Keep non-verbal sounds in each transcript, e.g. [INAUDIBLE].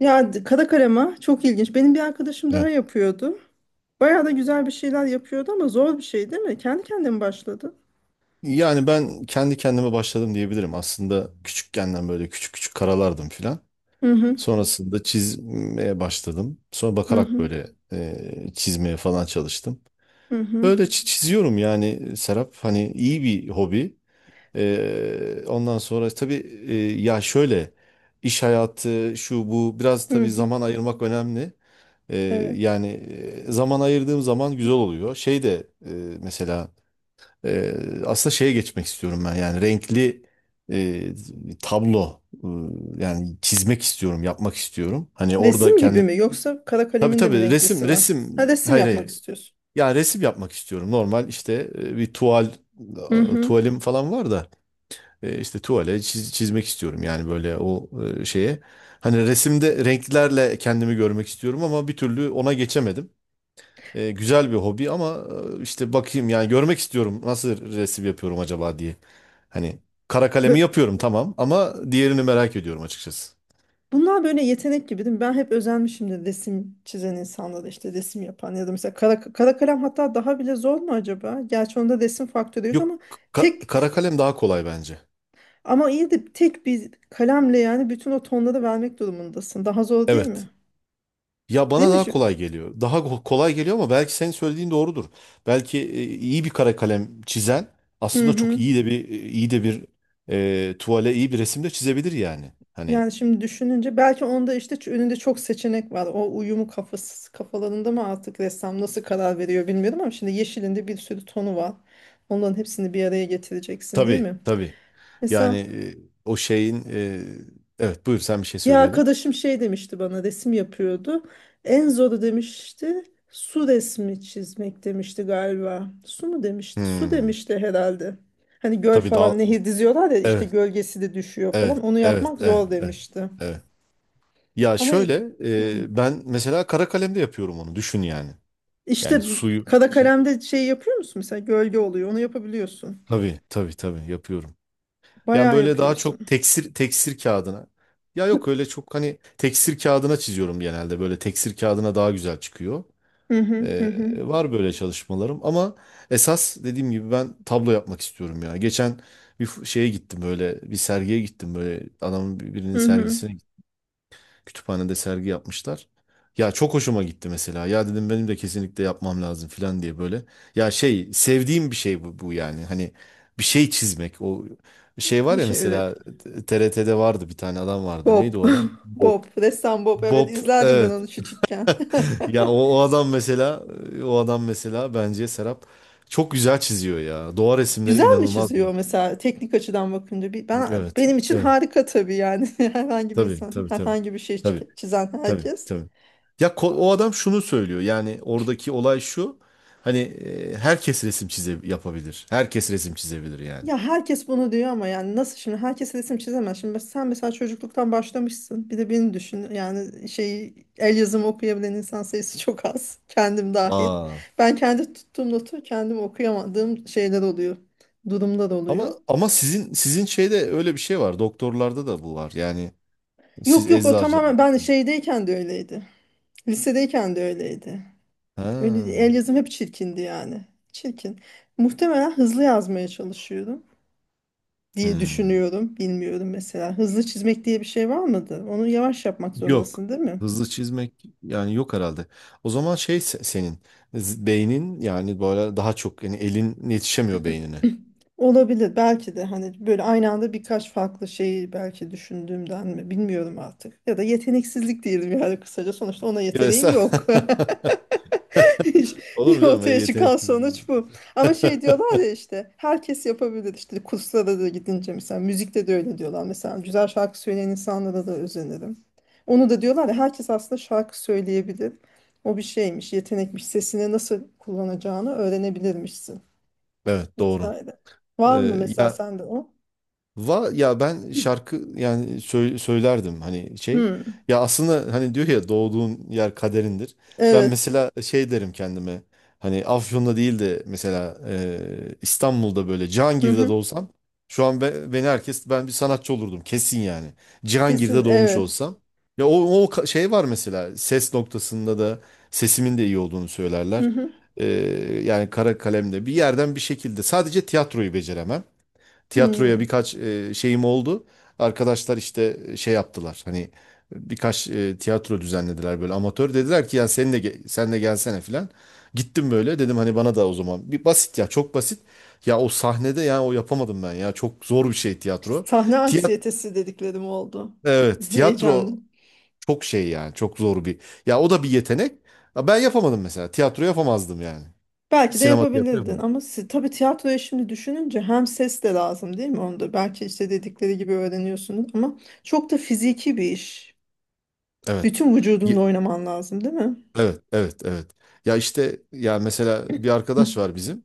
Ya kara kalema çok ilginç. Benim bir arkadaşım daha Evet. yapıyordu. Bayağı da güzel bir şeyler yapıyordu ama zor bir şey değil mi? Kendi kendine mi başladı? Yani ben kendi kendime başladım diyebilirim. Aslında küçükkenden böyle küçük küçük karalardım filan. Hı hı Sonrasında çizmeye başladım. Sonra hı bakarak hı böyle çizmeye falan çalıştım. hı hı. Öyle çiziyorum yani Serap. Hani iyi bir hobi. Ondan sonra tabii, e, ya şöyle, iş hayatı şu bu, biraz hı tabii hı. zaman ayırmak önemli. E, Evet. yani, zaman ayırdığım zaman güzel oluyor. Şey de mesela, Ee, aslında şeye geçmek istiyorum ben, yani renkli e, tablo, yani çizmek istiyorum, yapmak istiyorum, hani orada Resim gibi kendim, mi yoksa kara tabii kalemin de mi tabii, resim renklisi var? resim, Ha resim hayır yapmak hayır, istiyorsun. ya resim yapmak istiyorum normal, işte bir tuval, Hı hı. tuvalim falan var da, işte tuvale çizmek istiyorum yani, böyle o şeye, hani resimde renklerle kendimi görmek istiyorum ama bir türlü ona geçemedim. Güzel bir hobi ama, işte bakayım yani, görmek istiyorum nasıl resim yapıyorum acaba diye. Hani kara kalemi Bö- yapıyorum tamam ama diğerini merak ediyorum açıkçası. Bunlar böyle yetenek gibi değil mi? Ben hep özenmişimdir resim çizen insanlara işte resim yapan ya da mesela kara kalem hatta daha bile zor mu acaba? Gerçi onda resim faktörü yok Yok, ama tek kara kalem daha kolay bence. ama iyi de tek bir kalemle yani bütün o tonları vermek durumundasın. Daha zor değil Evet. mi? Ya Değil bana mi? daha kolay geliyor. Daha kolay geliyor ama belki senin söylediğin doğrudur. Belki iyi bir kara kalem çizen Hı aslında çok hı. iyi de bir, tuvale iyi bir resim de çizebilir yani. Hani, Yani şimdi düşününce belki onda işte önünde çok seçenek var. O uyumu kafalarında mı artık ressam nasıl karar veriyor bilmiyorum ama şimdi yeşilinde bir sürü tonu var. Onların hepsini bir araya getireceksin değil tabii mi? tabii. Yani Mesela o şeyin, evet, buyur, sen bir şey bir söylüyordun. arkadaşım şey demişti bana resim yapıyordu. En zoru demişti su resmi çizmek demişti galiba. Su mu demişti? Su Hmm. demişti herhalde. Hani göl Tabii, daha, falan nehir diziyorlar ya işte evet, gölgesi de düşüyor falan. evet, Onu evet, yapmak evet, zor evet. demişti. Evet. Ya Ama şöyle i- hı. Ben mesela kara kalemde yapıyorum onu düşün yani. Yani işte suyu Kara şi- kalemde şey yapıyor musun? Mesela gölge oluyor. Onu yapabiliyorsun. tabii tabii tabii yapıyorum. Yani Bayağı böyle daha yapıyorsun. çok teksir, teksir kağıdına. Ya yok, öyle çok hani teksir kağıdına çiziyorum, genelde böyle teksir kağıdına daha güzel çıkıyor. Hı hı hı E, hı. var böyle çalışmalarım ama esas dediğim gibi ben tablo yapmak istiyorum ya. Geçen bir sergiye gittim, böyle adamın birinin Hı hı. sergisine. Kütüphanede sergi yapmışlar. Ya çok hoşuma gitti mesela. Ya dedim, benim de kesinlikle yapmam lazım falan diye böyle. Ya şey, sevdiğim bir şey bu yani. Hani bir şey çizmek. O şey var Bir ya, şey üret. mesela TRT'de vardı bir tane adam vardı. Bob. Neydi o adam? [LAUGHS] Bob. Bob. Ressam Bob. Evet Bob, izlerdim ben evet. onu küçükken. [LAUGHS] Ya o, [LAUGHS] o adam mesela, bence Serap çok güzel çiziyor ya. Doğa resimleri Güzel mi inanılmaz. çiziyor mesela teknik açıdan bakınca? Ben Evet. benim için Evet. harika tabii yani [LAUGHS] herhangi bir Tabii insan tabii tabii. herhangi bir şey Tabii. Çizen Tabii herkes. tabii. Ya o adam şunu söylüyor yani, oradaki olay şu. Hani herkes resim yapabilir. Herkes resim çizebilir yani. Ya herkes bunu diyor ama yani nasıl şimdi herkes resim çizemez. Şimdi sen mesela çocukluktan başlamışsın. Bir de beni düşün. Yani şey el yazımı okuyabilen insan sayısı çok az. [LAUGHS] Kendim dahil. Aa. Ben kendi tuttuğum notu kendim okuyamadığım şeyler oluyor. Durumlar Ama oluyor. ama sizin şeyde öyle bir şey var. Doktorlarda da bu var. Yani, siz Yok o eczacı, tamamen ben doktor. şeydeyken de öyleydi. Lisedeyken de öyleydi. Öyle, Ha. el yazım hep çirkindi yani. Çirkin. Muhtemelen hızlı yazmaya çalışıyorum diye Hmm. düşünüyorum. Bilmiyorum mesela. Hızlı çizmek diye bir şey var mıdır? Onu yavaş yapmak Yok. zorundasın, değil mi? Hızlı çizmek yani yok herhalde. O zaman şey, senin beynin yani, böyle daha çok yani, elin yetişemiyor beynine. Olabilir belki de hani böyle aynı anda birkaç farklı şeyi belki düşündüğümden mi bilmiyorum artık. Ya da yeteneksizlik diyelim yani kısaca. Sonuçta ona Evet. [LAUGHS] yeteneğim yok. [LAUGHS] İş- Olur [LAUGHS] mu canım? Ortaya Yetenek. çıkan sonuç bu. Ama şey diyorlar [LAUGHS] ya işte herkes yapabilir işte kurslara da gidince mesela müzikte de öyle diyorlar mesela güzel şarkı söyleyen insanlara da özenirim. Onu da diyorlar ya herkes aslında şarkı söyleyebilir. O bir şeymiş, yetenekmiş, sesini nasıl kullanacağını öğrenebilirmişsin Evet, doğru. vesaire. Var mı mesela ya, sende o? Ya ben şarkı yani söylerdim hani şey. Hmm, Ya aslında, hani diyor ya, doğduğun yer kaderindir. Ben evet. mesela şey derim kendime. Hani Afyon'da değil de mesela İstanbul'da böyle Hı Cihangir'de hı. doğsam, şu an beni herkes, ben bir sanatçı olurdum kesin yani. Kesin Cihangir'de doğmuş evet. olsam. Ya o şey var mesela, ses noktasında da sesimin de iyi olduğunu Hı söylerler. hı. E, yani, kara kalemde bir yerden bir şekilde, sadece tiyatroyu beceremem, tiyatroya Hmm. birkaç şeyim oldu. Arkadaşlar işte şey yaptılar. Hani birkaç tiyatro düzenlediler böyle amatör. Dediler ki, ya sen de sen de gelsene filan. Gittim, böyle dedim hani, bana da o zaman bir basit, ya çok basit. Ya o sahnede, ya o, yapamadım ben, ya çok zor bir şey tiyatro. Sahne Tiyat anksiyetesi dediklerim oldu. evet, Heyecanlı. tiyatro çok şey yani, çok zor bir. Ya o da bir yetenek. Ya, ben yapamadım mesela. Tiyatro yapamazdım yani. Belki de Sinema, tiyatro yapabilirdin yapamam. ama tabii tiyatroya şimdi düşününce hem ses de lazım değil mi? Onu belki işte dedikleri gibi öğreniyorsunuz ama çok da fiziki bir iş. Evet. Bütün vücudunla oynaman lazım değil mi? Evet, evet, evet. Ya işte, ya mesela bir arkadaş var bizim.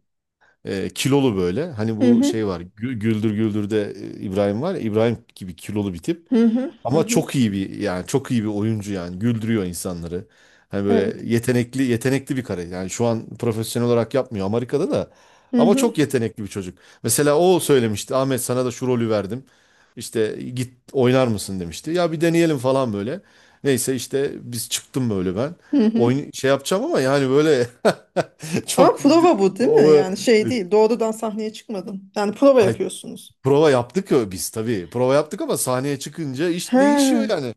Kilolu böyle. Hani Hı bu şey hı var. Güldür Güldür'de İbrahim var ya. İbrahim gibi kilolu bir tip. hı hı hı. Ama hı. çok iyi bir yani, çok iyi bir oyuncu yani, güldürüyor insanları. Hani Evet. böyle yetenekli yetenekli bir kare. Yani şu an profesyonel olarak yapmıyor, Amerika'da da. Hı Ama çok hı yetenekli bir çocuk. Mesela o söylemişti, Ahmet, sana da şu rolü verdim. İşte, git oynar mısın demişti. Ya bir deneyelim falan böyle. Neyse, işte biz çıktım böyle ben. hı hı. Oyun şey yapacağım ama yani böyle [LAUGHS] Ama çok, prova bu değil o, mi? Yani şey evet, değil. Doğrudan sahneye çıkmadın. Yani prova ay, yapıyorsunuz. prova yaptık ya biz tabii. Prova yaptık ama sahneye çıkınca iş değişiyor Ha, yani.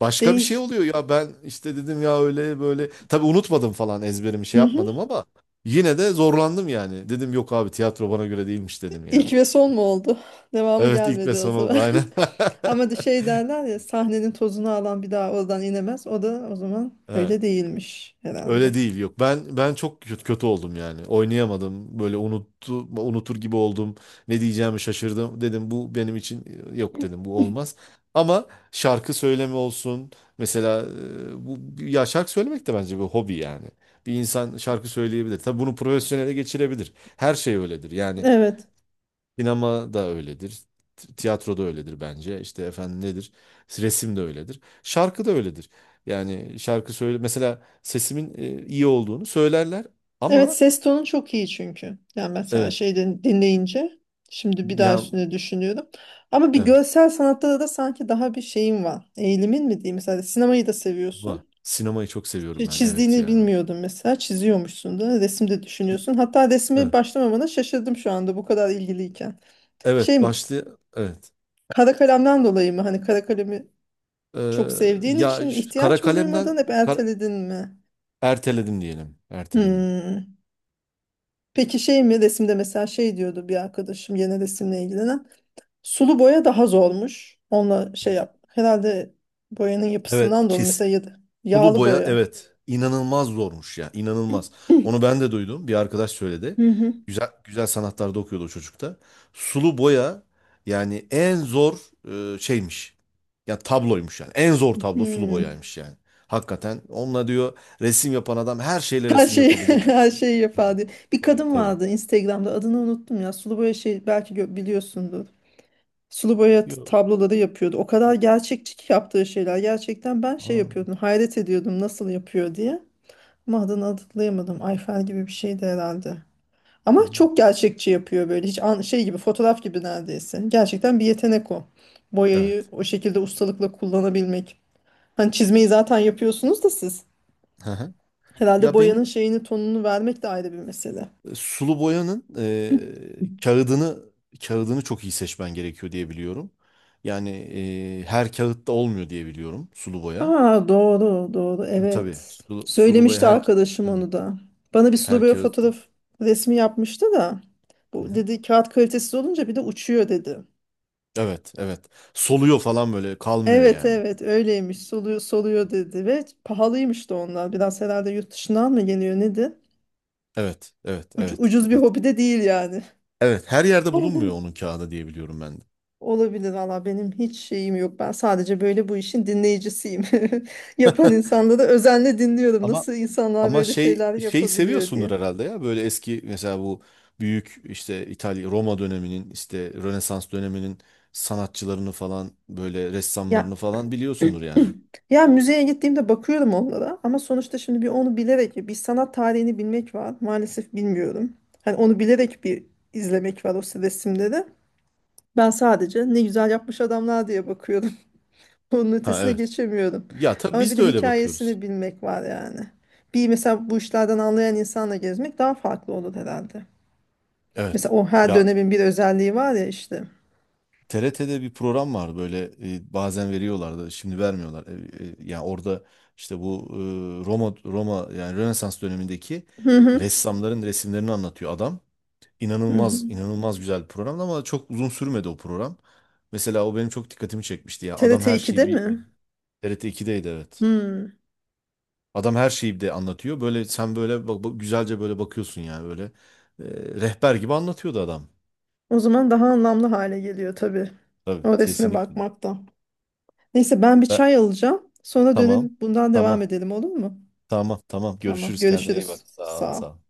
Başka bir şey değişti. oluyor ya, ben işte dedim ya, öyle böyle tabii, unutmadım falan, ezberimi şey yapmadım ama yine de zorlandım yani. Dedim yok abi, tiyatro bana göre değilmiş dedim ya. İlk ve son mu oldu? [LAUGHS] Devamı Evet, ilk ve gelmedi o son oldu zaman. aynen. [LAUGHS] Ama de [LAUGHS] şey derler ya sahnenin tozunu alan bir daha oradan inemez. O da o zaman Evet. öyle değilmiş herhalde. Öyle değil, yok. Ben çok kötü, kötü oldum yani. Oynayamadım. Böyle unutur gibi oldum. Ne diyeceğimi şaşırdım. Dedim, bu benim için yok, dedim, bu olmaz. Ama şarkı söyleme olsun. Mesela bu, ya, şarkı söylemek de bence bir hobi yani. Bir insan şarkı söyleyebilir. Tabii bunu profesyonele geçirebilir. Her şey öyledir. Yani Evet. sinema da öyledir. Tiyatro da öyledir bence. İşte efendim nedir? Resim de öyledir. Şarkı da öyledir. Yani şarkı söyle mesela, sesimin iyi olduğunu söylerler Evet ama, ses tonu çok iyi çünkü. Yani mesela evet şeyden dinleyince şimdi bir daha ya, üstüne düşünüyorum. Ama bir evet, görsel sanatta da sanki daha bir şeyin var. Eğilimin mi diyeyim? Mesela sinemayı da var. seviyorsun. Sinemayı çok seviyorum ben. Evet Çizdiğini ya. bilmiyordum mesela. Çiziyormuşsun da resim de düşünüyorsun. Hatta resme Evet. başlamamana şaşırdım şu anda bu kadar ilgiliyken. Şey Evet, mi başlı, evet. Kara kalemden dolayı mı? Hani kara kalemi çok Ee, sevdiğin ya, için kara ihtiyaç mı duymadın, kalemden, hep erteledin mi? erteledim diyelim. Erteledim. Hmm. Peki şey mi? Resimde mesela şey diyordu bir arkadaşım yine resimle ilgilenen. Sulu boya daha zormuş. Onunla şey yap. Herhalde boyanın Evet, yapısından dolayı mesela ya da sulu yağlı boya boya. evet, inanılmaz zormuş ya, inanılmaz. Onu [CLEARS THROAT] ben de duydum, bir arkadaş söyledi. Hı hı. Güzel güzel sanatlarda okuyordu o çocuk da. Sulu boya yani en zor şeymiş. Ya tabloymuş yani. En zor tablo sulu Hmm. boyaymış yani. Hakikaten onunla diyor, resim yapan adam her şeyle Her resim şeyi [LAUGHS] yapabilir. her şeyi Tabii. yapar diye. Bir Tabii. kadın Tabii. vardı Instagram'da adını unuttum ya. Sulu boya şey belki biliyorsundur. Sulu boya Yo. tabloları yapıyordu. O kadar gerçekçi ki yaptığı şeyler. Gerçekten ben şey Aa. yapıyordum. Hayret ediyordum nasıl yapıyor diye. Ama adını hatırlayamadım. Ayfer gibi bir şeydi herhalde. Ama Hı. çok gerçekçi yapıyor böyle. Hiç şey gibi fotoğraf gibi neredeyse. Gerçekten bir yetenek o. Boyayı Evet. o şekilde ustalıkla kullanabilmek. Hani çizmeyi zaten yapıyorsunuz da siz. Hı hı. Herhalde Ya benim, boyanın şeyini tonunu vermek de ayrı bir mesele. sulu boyanın kağıdını çok iyi seçmen gerekiyor diye biliyorum. Yani her kağıtta olmuyor diye biliyorum sulu boya. Aa, doğru Hı, Tabii, evet. sulu boya Söylemişti her, arkadaşım hı, onu da. Bana bir sulu her böyle kağıtta. fotoğraf resmi yapmıştı da. Hı Bu hı. dedi kağıt kalitesiz olunca bir de uçuyor dedi. Evet, evet. Soluyor falan böyle, kalmıyor Evet yani. evet öyleymiş soluyor dedi ve pahalıymış da onlar. Biraz herhalde yurt dışından mı geliyor nedir? Evet, evet, evet, Ucuz bir evet. hobi de değil yani. Evet, her yerde bulunmuyor onun [LAUGHS] kağıdı diye biliyorum ben de. Olabilir valla benim hiç şeyim yok. Ben sadece böyle bu işin dinleyicisiyim. [LAUGHS] Yapan [LAUGHS] insanları özenle dinliyorum. Ama, Nasıl insanlar böyle şey şeyler şeyi yapabiliyor seviyorsundur diye. herhalde ya. Böyle eski mesela, bu büyük işte İtalya, Roma döneminin, işte Rönesans döneminin sanatçılarını falan, böyle ressamlarını Ya falan biliyorsundur yani. Ya müzeye gittiğimde bakıyorum onlara ama sonuçta şimdi bir onu bilerek bir sanat tarihini bilmek var. Maalesef bilmiyorum. Hani onu bilerek bir izlemek var o resimleri. Ben sadece ne güzel yapmış adamlar diye bakıyorum. [LAUGHS] Onun Ha, ötesine evet. geçemiyorum. Ya tabii Ama bir biz de de öyle bakıyoruz. hikayesini bilmek var yani. Bir mesela bu işlerden anlayan insanla gezmek daha farklı olur herhalde. Evet. Mesela o her Ya dönemin bir özelliği var ya işte. TRT'de bir program var böyle, bazen veriyorlardı, şimdi vermiyorlar. Yani orada işte bu Roma yani Rönesans dönemindeki Hı hı. ressamların resimlerini anlatıyor adam. Hı hı. İnanılmaz inanılmaz güzel bir programdı ama çok uzun sürmedi o program. Mesela o benim çok dikkatimi çekmişti ya. Adam TRT her 2'de şeyi bir mi? TRT 2'deydi evet. Hmm. Adam her şeyi bir de anlatıyor. Böyle sen böyle bak, güzelce böyle bakıyorsun yani, böyle rehber gibi anlatıyordu adam. O zaman daha anlamlı hale geliyor tabii. Tabii, O resme kesinlikle. bakmakta. Neyse ben bir Ben- çay alacağım. Sonra tamam. dönüp bundan devam Tamam. edelim olur mu? Tamam. Tamam. Tamam, Görüşürüz. Kendine iyi bak. görüşürüz. Sağ ol. Sağ Sağ ol. ol.